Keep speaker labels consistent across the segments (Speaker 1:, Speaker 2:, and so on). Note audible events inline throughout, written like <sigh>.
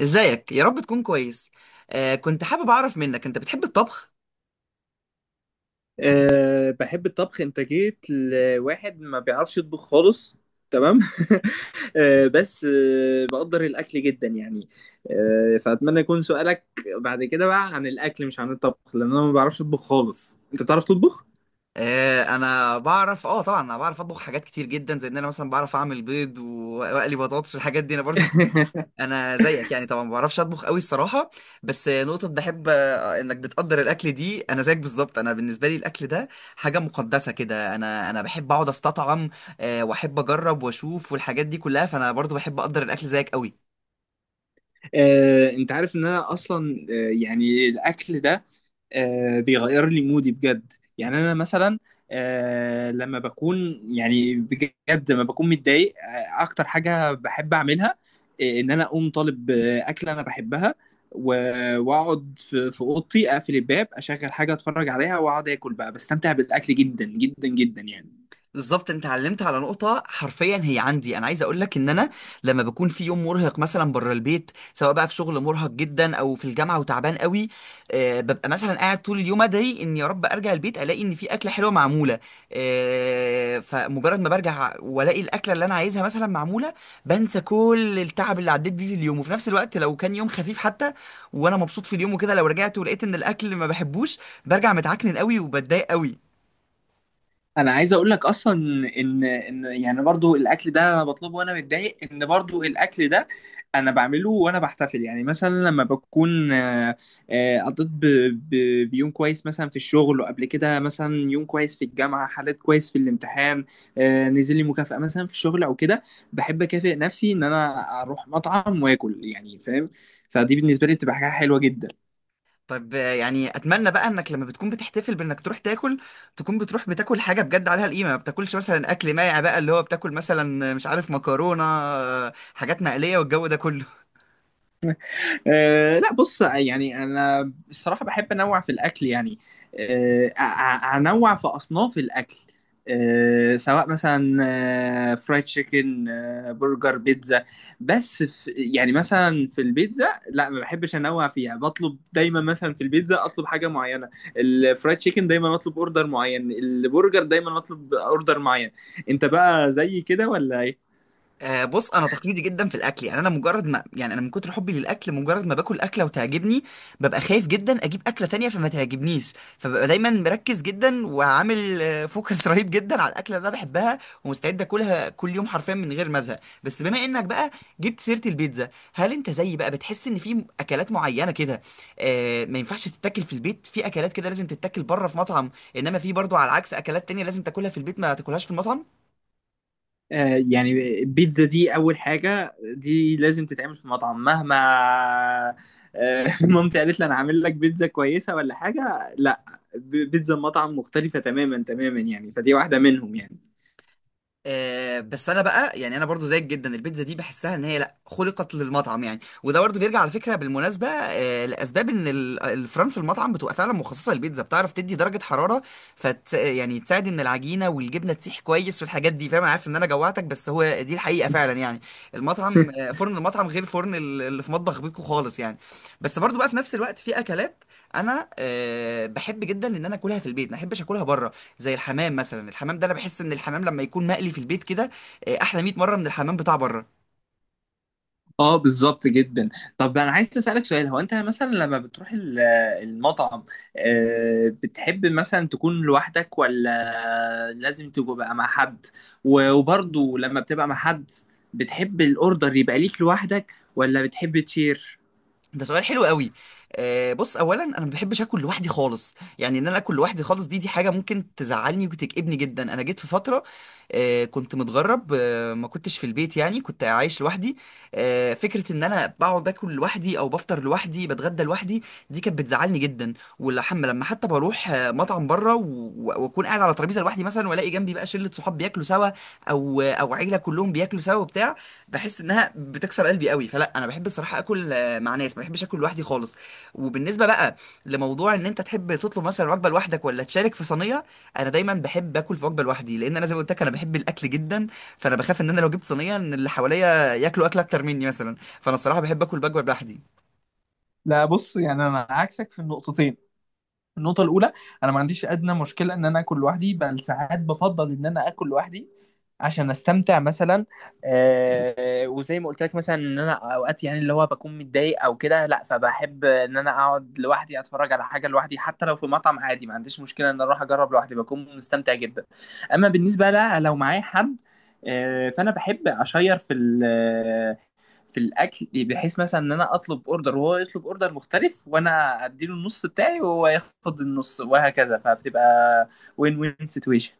Speaker 1: ازيك يا رب تكون كويس. كنت حابب اعرف منك، انت بتحب الطبخ؟
Speaker 2: أه، بحب الطبخ. انت جيت لواحد ما بيعرفش يطبخ خالص. تمام. <laughs> أه، بس بقدر الاكل جدا يعني. فاتمنى يكون سؤالك بعد كده بقى عن الاكل، مش عن الطبخ، لان انا ما بعرفش اطبخ خالص. انت بتعرف تطبخ؟
Speaker 1: انا بعرف، طبعا انا بعرف اطبخ حاجات كتير جدا، زي ان انا مثلا بعرف اعمل بيض و- واقلي بطاطس، الحاجات دي انا برضو.
Speaker 2: <laughs>
Speaker 1: <laughs> انا زيك يعني، طبعا ما بعرفش اطبخ قوي الصراحه. بس نقطه بحب انك بتقدر الاكل دي، انا زيك بالظبط. انا بالنسبه لي الاكل ده حاجه مقدسه كده، انا بحب اقعد استطعم. واحب اجرب واشوف والحاجات دي كلها، فانا برضو بحب اقدر الاكل زيك قوي.
Speaker 2: انت عارف ان انا اصلا، يعني الاكل ده بيغير لي مودي بجد. يعني انا مثلا لما بكون، يعني بجد لما بكون متضايق، اكتر حاجة بحب اعملها ان انا اقوم طالب اكلة انا بحبها واقعد في اوضتي، اقفل الباب، اشغل حاجة اتفرج عليها، واقعد اكل بقى، بستمتع بالاكل جدا جدا جدا يعني.
Speaker 1: بالظبط انت علمت على نقطة حرفيا هي عندي، انا عايز اقول لك ان انا لما بكون في يوم مرهق مثلا بره البيت، سواء بقى في شغل مرهق جدا او في الجامعة وتعبان قوي، ببقى مثلا قاعد طول اليوم ادعي ان يا رب ارجع البيت الاقي ان في اكلة حلوة معمولة. فمجرد ما برجع والاقي الاكلة اللي انا عايزها مثلا معمولة، بنسى كل التعب اللي عديت بيه في اليوم. وفي نفس الوقت لو كان يوم خفيف حتى وانا مبسوط في اليوم وكده، لو رجعت ولقيت ان الاكل ما بحبوش، برجع متعكنن قوي وبتضايق قوي.
Speaker 2: انا عايز اقول لك اصلا ان يعني برضو الاكل ده انا بطلبه وانا متضايق، ان برضو الاكل ده انا بعمله وانا بحتفل. يعني مثلا لما بكون قضيت بيوم كويس مثلا في الشغل، وقبل كده مثلا يوم كويس في الجامعه، حليت كويس في الامتحان، نزل لي مكافاه مثلا في الشغل او كده، بحب اكافئ نفسي ان انا اروح مطعم واكل يعني، فاهم؟ فدي بالنسبه لي بتبقى حاجه حلوه جدا.
Speaker 1: طب يعني اتمنى بقى انك لما بتكون بتحتفل بانك تروح تاكل، تكون بتروح بتاكل حاجه بجد عليها القيمه، ما بتاكلش مثلا اكل مائع بقى، اللي هو بتاكل مثلا مش عارف مكرونه، حاجات مقليه والجو ده كله.
Speaker 2: أه لا، بص يعني انا الصراحه بحب انوع في الاكل يعني. انوع في اصناف الاكل، سواء مثلا فرايد تشيكن، برجر، بيتزا. بس في، يعني مثلا في البيتزا لا، ما بحبش انوع فيها، بطلب دايما مثلا في البيتزا اطلب حاجه معينه، الفرايد تشيكن دايما اطلب اوردر معين، البرجر دايما اطلب اوردر معين. انت بقى زي كده ولا ايه؟
Speaker 1: بص، انا تقليدي جدا في الاكل يعني. انا مجرد ما، يعني انا من كتر حبي للاكل، مجرد ما باكل اكله وتعجبني ببقى خايف جدا اجيب اكله تانية فما تعجبنيش. فببقى دايما مركز جدا وعامل فوكس <laughs> رهيب جدا على الاكله اللي انا بحبها، ومستعد اكلها كل يوم حرفيا من غير ما ازهق. بس بما انك بقى جبت سيره البيتزا، هل انت زيي بقى بتحس ان في اكلات معينه كده ما ينفعش تتاكل في البيت، في اكلات كده لازم تتاكل بره في مطعم، انما في برضو على العكس اكلات تانية لازم تاكلها في البيت ما تاكلهاش في المطعم؟
Speaker 2: يعني البيتزا دي اول حاجه، دي لازم تتعمل في مطعم. مهما <laughs> مامتي قالت لي انا عامل لك بيتزا كويسه ولا حاجه، لا. بيتزا مطعم مختلفه تماما تماما يعني، فدي واحده منهم يعني. <laughs>
Speaker 1: بس انا بقى يعني، انا برضو زيك جدا البيتزا دي بحسها ان هي لا خلقت للمطعم يعني. وده برضو بيرجع على فكره بالمناسبه لاسباب ان الفرن في المطعم بتبقى فعلا مخصصه للبيتزا، بتعرف تدي درجه حراره فت يعني تساعد ان العجينه والجبنه تسيح كويس والحاجات دي، فاهم. أنا عارف ان انا جوعتك، بس هو دي الحقيقه فعلا يعني. المطعم فرن المطعم غير فرن اللي في مطبخ بيتكو خالص يعني. بس برضو بقى في نفس الوقت في اكلات انا بحب جدا ان انا اكلها في البيت ما احبش اكلها بره، زي الحمام مثلا. الحمام ده انا بحس ان الحمام لما يكون مقلي في البيت كده احلى 100 مره من الحمام بتاع بره.
Speaker 2: اه بالظبط جدا. طب انا عايز اسالك سؤال، هو انت مثلا لما بتروح المطعم بتحب مثلا تكون لوحدك ولا لازم تبقى مع حد؟ وبرضه لما بتبقى مع حد، بتحب الاوردر يبقى ليك لوحدك ولا بتحب تشير؟
Speaker 1: ده سؤال حلو قوي. بص، اولا انا ما بحبش اكل لوحدي خالص يعني. ان انا اكل لوحدي خالص دي حاجه ممكن تزعلني وتكئبني جدا. انا جيت في فتره كنت متغرب، ما كنتش في البيت يعني، كنت عايش لوحدي. فكره ان انا بقعد اكل لوحدي، او بفطر لوحدي، بتغدى لوحدي، دي كانت بتزعلني جدا. ولحم لما حتى بروح مطعم بره و- و- واكون قاعد على ترابيزه لوحدي مثلا، والاقي جنبي بقى شله صحاب بياكلوا سوا، او عيله كلهم بياكلوا سوا وبتاع، بحس انها بتكسر قلبي قوي. فلا، انا بحب الصراحه اكل مع ناس، ما بحبش اكل لوحدي خالص. وبالنسبه بقى لموضوع ان انت تحب تطلب مثلا وجبه لوحدك ولا تشارك في صينيه، انا دايما بحب اكل في وجبه لوحدي، لان انا زي ما قلت لك انا بحب الاكل جدا، فانا بخاف ان انا لو جبت صينيه ان اللي حواليا ياكلوا اكل اكتر مني مثلا. فانا الصراحه بحب اكل بوجبه لوحدي.
Speaker 2: لا، بص يعني انا عكسك في النقطتين. النقطة الأولى، أنا ما عنديش أدنى مشكلة إن أنا آكل لوحدي، بل ساعات بفضل إن أنا آكل لوحدي عشان أستمتع مثلا. وزي ما قلت لك، مثلا إن أنا أوقات، يعني اللي هو بكون متضايق أو كده، لأ، فبحب إن أنا أقعد لوحدي أتفرج على حاجة لوحدي، حتى لو في مطعم عادي، ما عنديش مشكلة إن أروح أجرب لوحدي، بكون مستمتع جدا. أما بالنسبة لأ، لو معايا حد فأنا بحب أشير في في الاكل، بحيث مثلا ان انا اطلب اوردر وهو يطلب اوردر مختلف، وانا اديله النص بتاعي وهو ياخد النص، وهكذا. فبتبقى وين وين سيتويشن.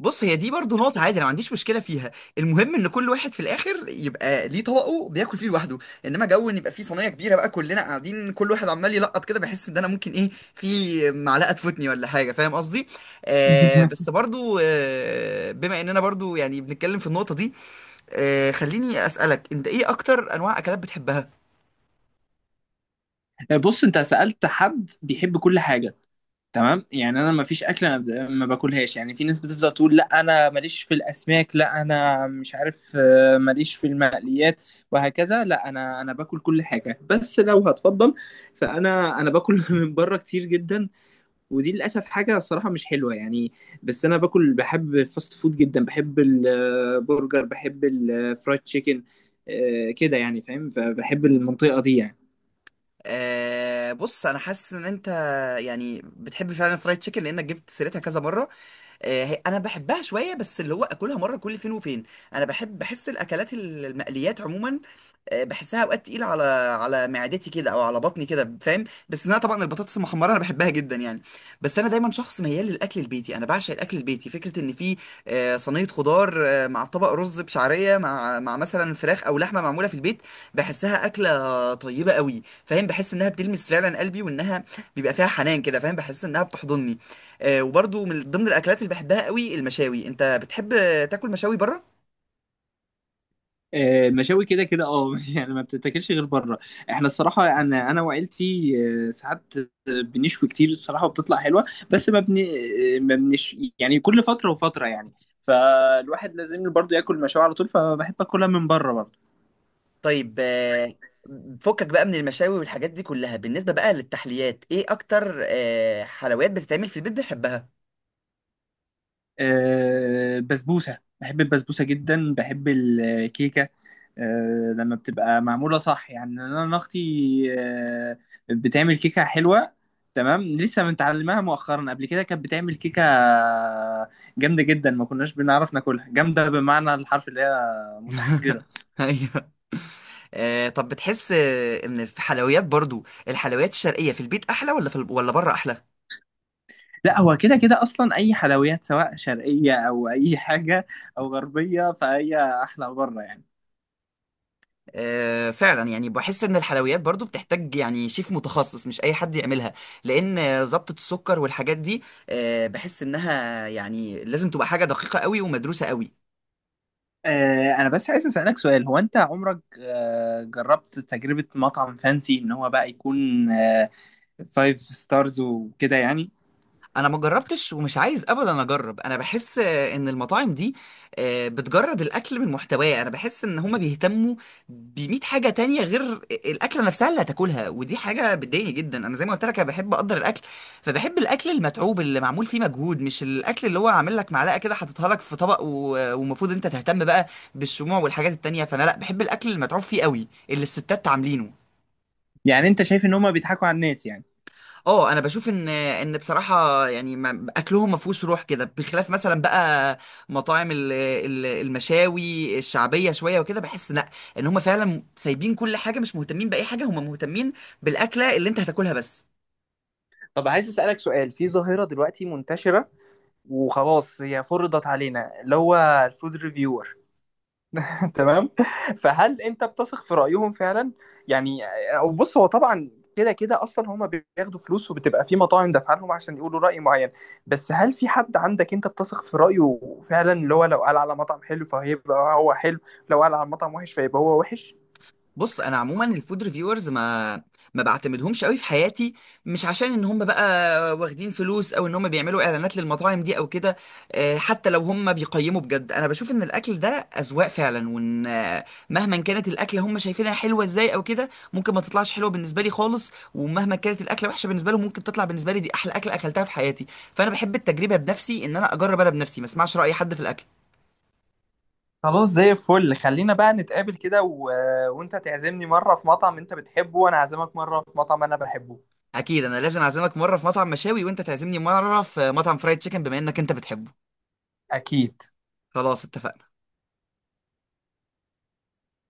Speaker 1: بص، هي دي برضو نقطة عادي، أنا ما عنديش مشكلة فيها. المهم إن كل واحد في الآخر يبقى ليه طبقه بياكل فيه لوحده. إنما جو إن يبقى فيه صينية كبيرة بقى كلنا قاعدين كل واحد عمال يلقط كده، بحس إن أنا ممكن إيه، في معلقة تفوتني ولا حاجة، فاهم قصدي. بس
Speaker 2: <laughs>
Speaker 1: برضو، بما إننا برضو يعني بنتكلم في النقطة دي، خليني أسألك أنت، إيه أكتر أنواع أكلات بتحبها؟
Speaker 2: بص، انت سألت حد بيحب كل حاجة، تمام؟ يعني انا ما فيش اكله ما باكلهاش. يعني في ناس بتفضل تقول لا انا ماليش في الاسماك، لا انا مش عارف، ماليش في المقليات، وهكذا. لا، انا باكل كل حاجه، بس لو هتفضل، فانا باكل <laughs> من بره كتير جدا، ودي للاسف حاجه الصراحه مش حلوه يعني. بس انا باكل، بحب الفاست فود جدا، بحب البرجر، بحب الفرايد تشيكن كده يعني، فاهم؟ فبحب المنطقه دي يعني.
Speaker 1: بص، أنا حاسس إن أنت يعني بتحب فعلا الفرايد تشيكن لأنك جبت سيرتها كذا مرة. انا بحبها شويه بس، اللي هو اكلها مره كل فين وفين. انا بحب بحس الاكلات المقليات عموما بحسها اوقات تقيله على على معدتي كده او على بطني كده، فاهم. بس انا طبعا البطاطس المحمره انا بحبها جدا يعني. بس انا دايما شخص ميال للاكل البيتي، انا بعشق الاكل البيتي. فكره ان في صينيه خضار مع طبق رز بشعريه مع مثلا فراخ او لحمه معموله في البيت، بحسها اكله طيبه قوي، فاهم. بحس انها بتلمس فعلا قلبي، وانها بيبقى فيها حنان كده، فاهم، بحس انها بتحضني. وبرضو من ضمن الاكلات اللي بحبها قوي المشاوي. انت بتحب تاكل مشاوي بره؟
Speaker 2: مشاوي؟ كده كده اه <laughs> يعني ما بتتاكلش غير بره. احنا الصراحه، انا وعيلتي ساعات بنشوي كتير الصراحه وبتطلع حلوه، بس ما بن آه، ما بنش، يعني كل فتره وفتره يعني، فالواحد لازم برضه ياكل مشاوي على طول، فبحب اكلها من بره برضه.
Speaker 1: طيب فكك بقى من المشاوي والحاجات دي كلها، بالنسبه بقى للتحليات، ايه اكتر حلويات بتتعمل في البيت بتحبها؟
Speaker 2: بسبوسة، بحب البسبوسة جدا، بحب الكيكة لما بتبقى معمولة صح يعني. أنا أنا أختي آه، بتعمل كيكة حلوة، تمام، لسه متعلمها مؤخرا. قبل كده كانت بتعمل كيكة جامدة جدا، ما كناش بنعرف ناكلها، جامدة بمعنى الحرف، اللي هي متحجرة.
Speaker 1: <laughs> ايوه. طب بتحس ان في حلويات، برضو الحلويات الشرقيه في البيت احلى ولا في ولا بره احلى؟
Speaker 2: لا، هو كده كده أصلا، أي حلويات سواء شرقية أو أي حاجة أو غربية، فهي أحلى بره يعني.
Speaker 1: فعلا يعني بحس ان الحلويات برضو بتحتاج يعني شيف متخصص، مش اي حد يعملها، لان ضبطة السكر والحاجات دي بحس انها يعني لازم تبقى حاجة دقيقة قوي ومدروسة قوي.
Speaker 2: انا بس عايز اسالك سؤال، هو انت عمرك جربت تجربه مطعم فانسي، ان هو بقى يكون فايف ستارز وكده يعني؟
Speaker 1: انا ما جربتش ومش عايز ابدا اجرب، انا بحس ان المطاعم دي بتجرد الاكل من محتواه، انا بحس ان هما بيهتموا بمية حاجه تانية غير الاكله نفسها اللي هتاكلها، ودي حاجه بتضايقني جدا. انا زي ما قلت لك انا بحب اقدر الاكل، فبحب الاكل المتعوب اللي معمول فيه مجهود، مش الاكل اللي هو عامل لك معلقه كده حاططها لك في طبق و- ومفروض انت تهتم بقى بالشموع والحاجات التانية. فانا لا، بحب الاكل المتعوب فيه قوي اللي الستات عاملينه.
Speaker 2: يعني انت شايف ان هما بيضحكوا على الناس يعني؟
Speaker 1: اه، انا بشوف ان بصراحه يعني، ما- اكلهم ما فيهوش روح كده. بخلاف مثلا بقى مطاعم المشاوي الشعبيه شويه وكده، بحس لا، ان هم فعلا سايبين كل حاجه مش مهتمين باي حاجه، هم مهتمين بالاكله اللي انت هتاكلها بس.
Speaker 2: طب عايز اسالك سؤال، في ظاهره دلوقتي منتشره وخلاص هي فرضت علينا، اللي هو الفود ريفيور، تمام؟ فهل انت بتثق في رايهم فعلا؟ يعني، أو بص، هو طبعا كده كده اصلا هما بياخدوا فلوس، وبتبقى في مطاعم دافعه لهم عشان يقولوا راي معين، بس هل في حد عندك انت بتثق في رايه فعلا؟ اللي هو لو قال على مطعم حلو فهيبقى هو حلو، لو قال على مطعم وحش فيبقى هو وحش.
Speaker 1: بص، انا عموما الفود ريفيورز ما بعتمدهمش قوي في حياتي. مش عشان ان هم بقى واخدين فلوس او ان هم بيعملوا اعلانات للمطاعم دي او كده، حتى لو هم بيقيموا بجد، انا بشوف ان الاكل ده اذواق فعلا، وان مهما كانت الاكله هم شايفينها حلوه ازاي او كده ممكن ما تطلعش حلوه بالنسبه لي خالص، ومهما كانت الاكله وحشه بالنسبه لهم ممكن تطلع بالنسبه لي دي احلى اكله اكلتها في حياتي. فانا بحب التجربه بنفسي، ان انا اجرب انا بنفسي، ما اسمعش راي حد في الاكل.
Speaker 2: خلاص، زي الفل، خلينا بقى نتقابل كده وانت تعزمني مره في مطعم انت بتحبه، وانا اعزمك مره في مطعم انا بحبه.
Speaker 1: اكيد انا لازم اعزمك مره في مطعم مشاوي، وانت تعزمني مره في مطعم فرايد تشيكن بما انك انت بتحبه.
Speaker 2: اكيد.
Speaker 1: خلاص اتفقنا.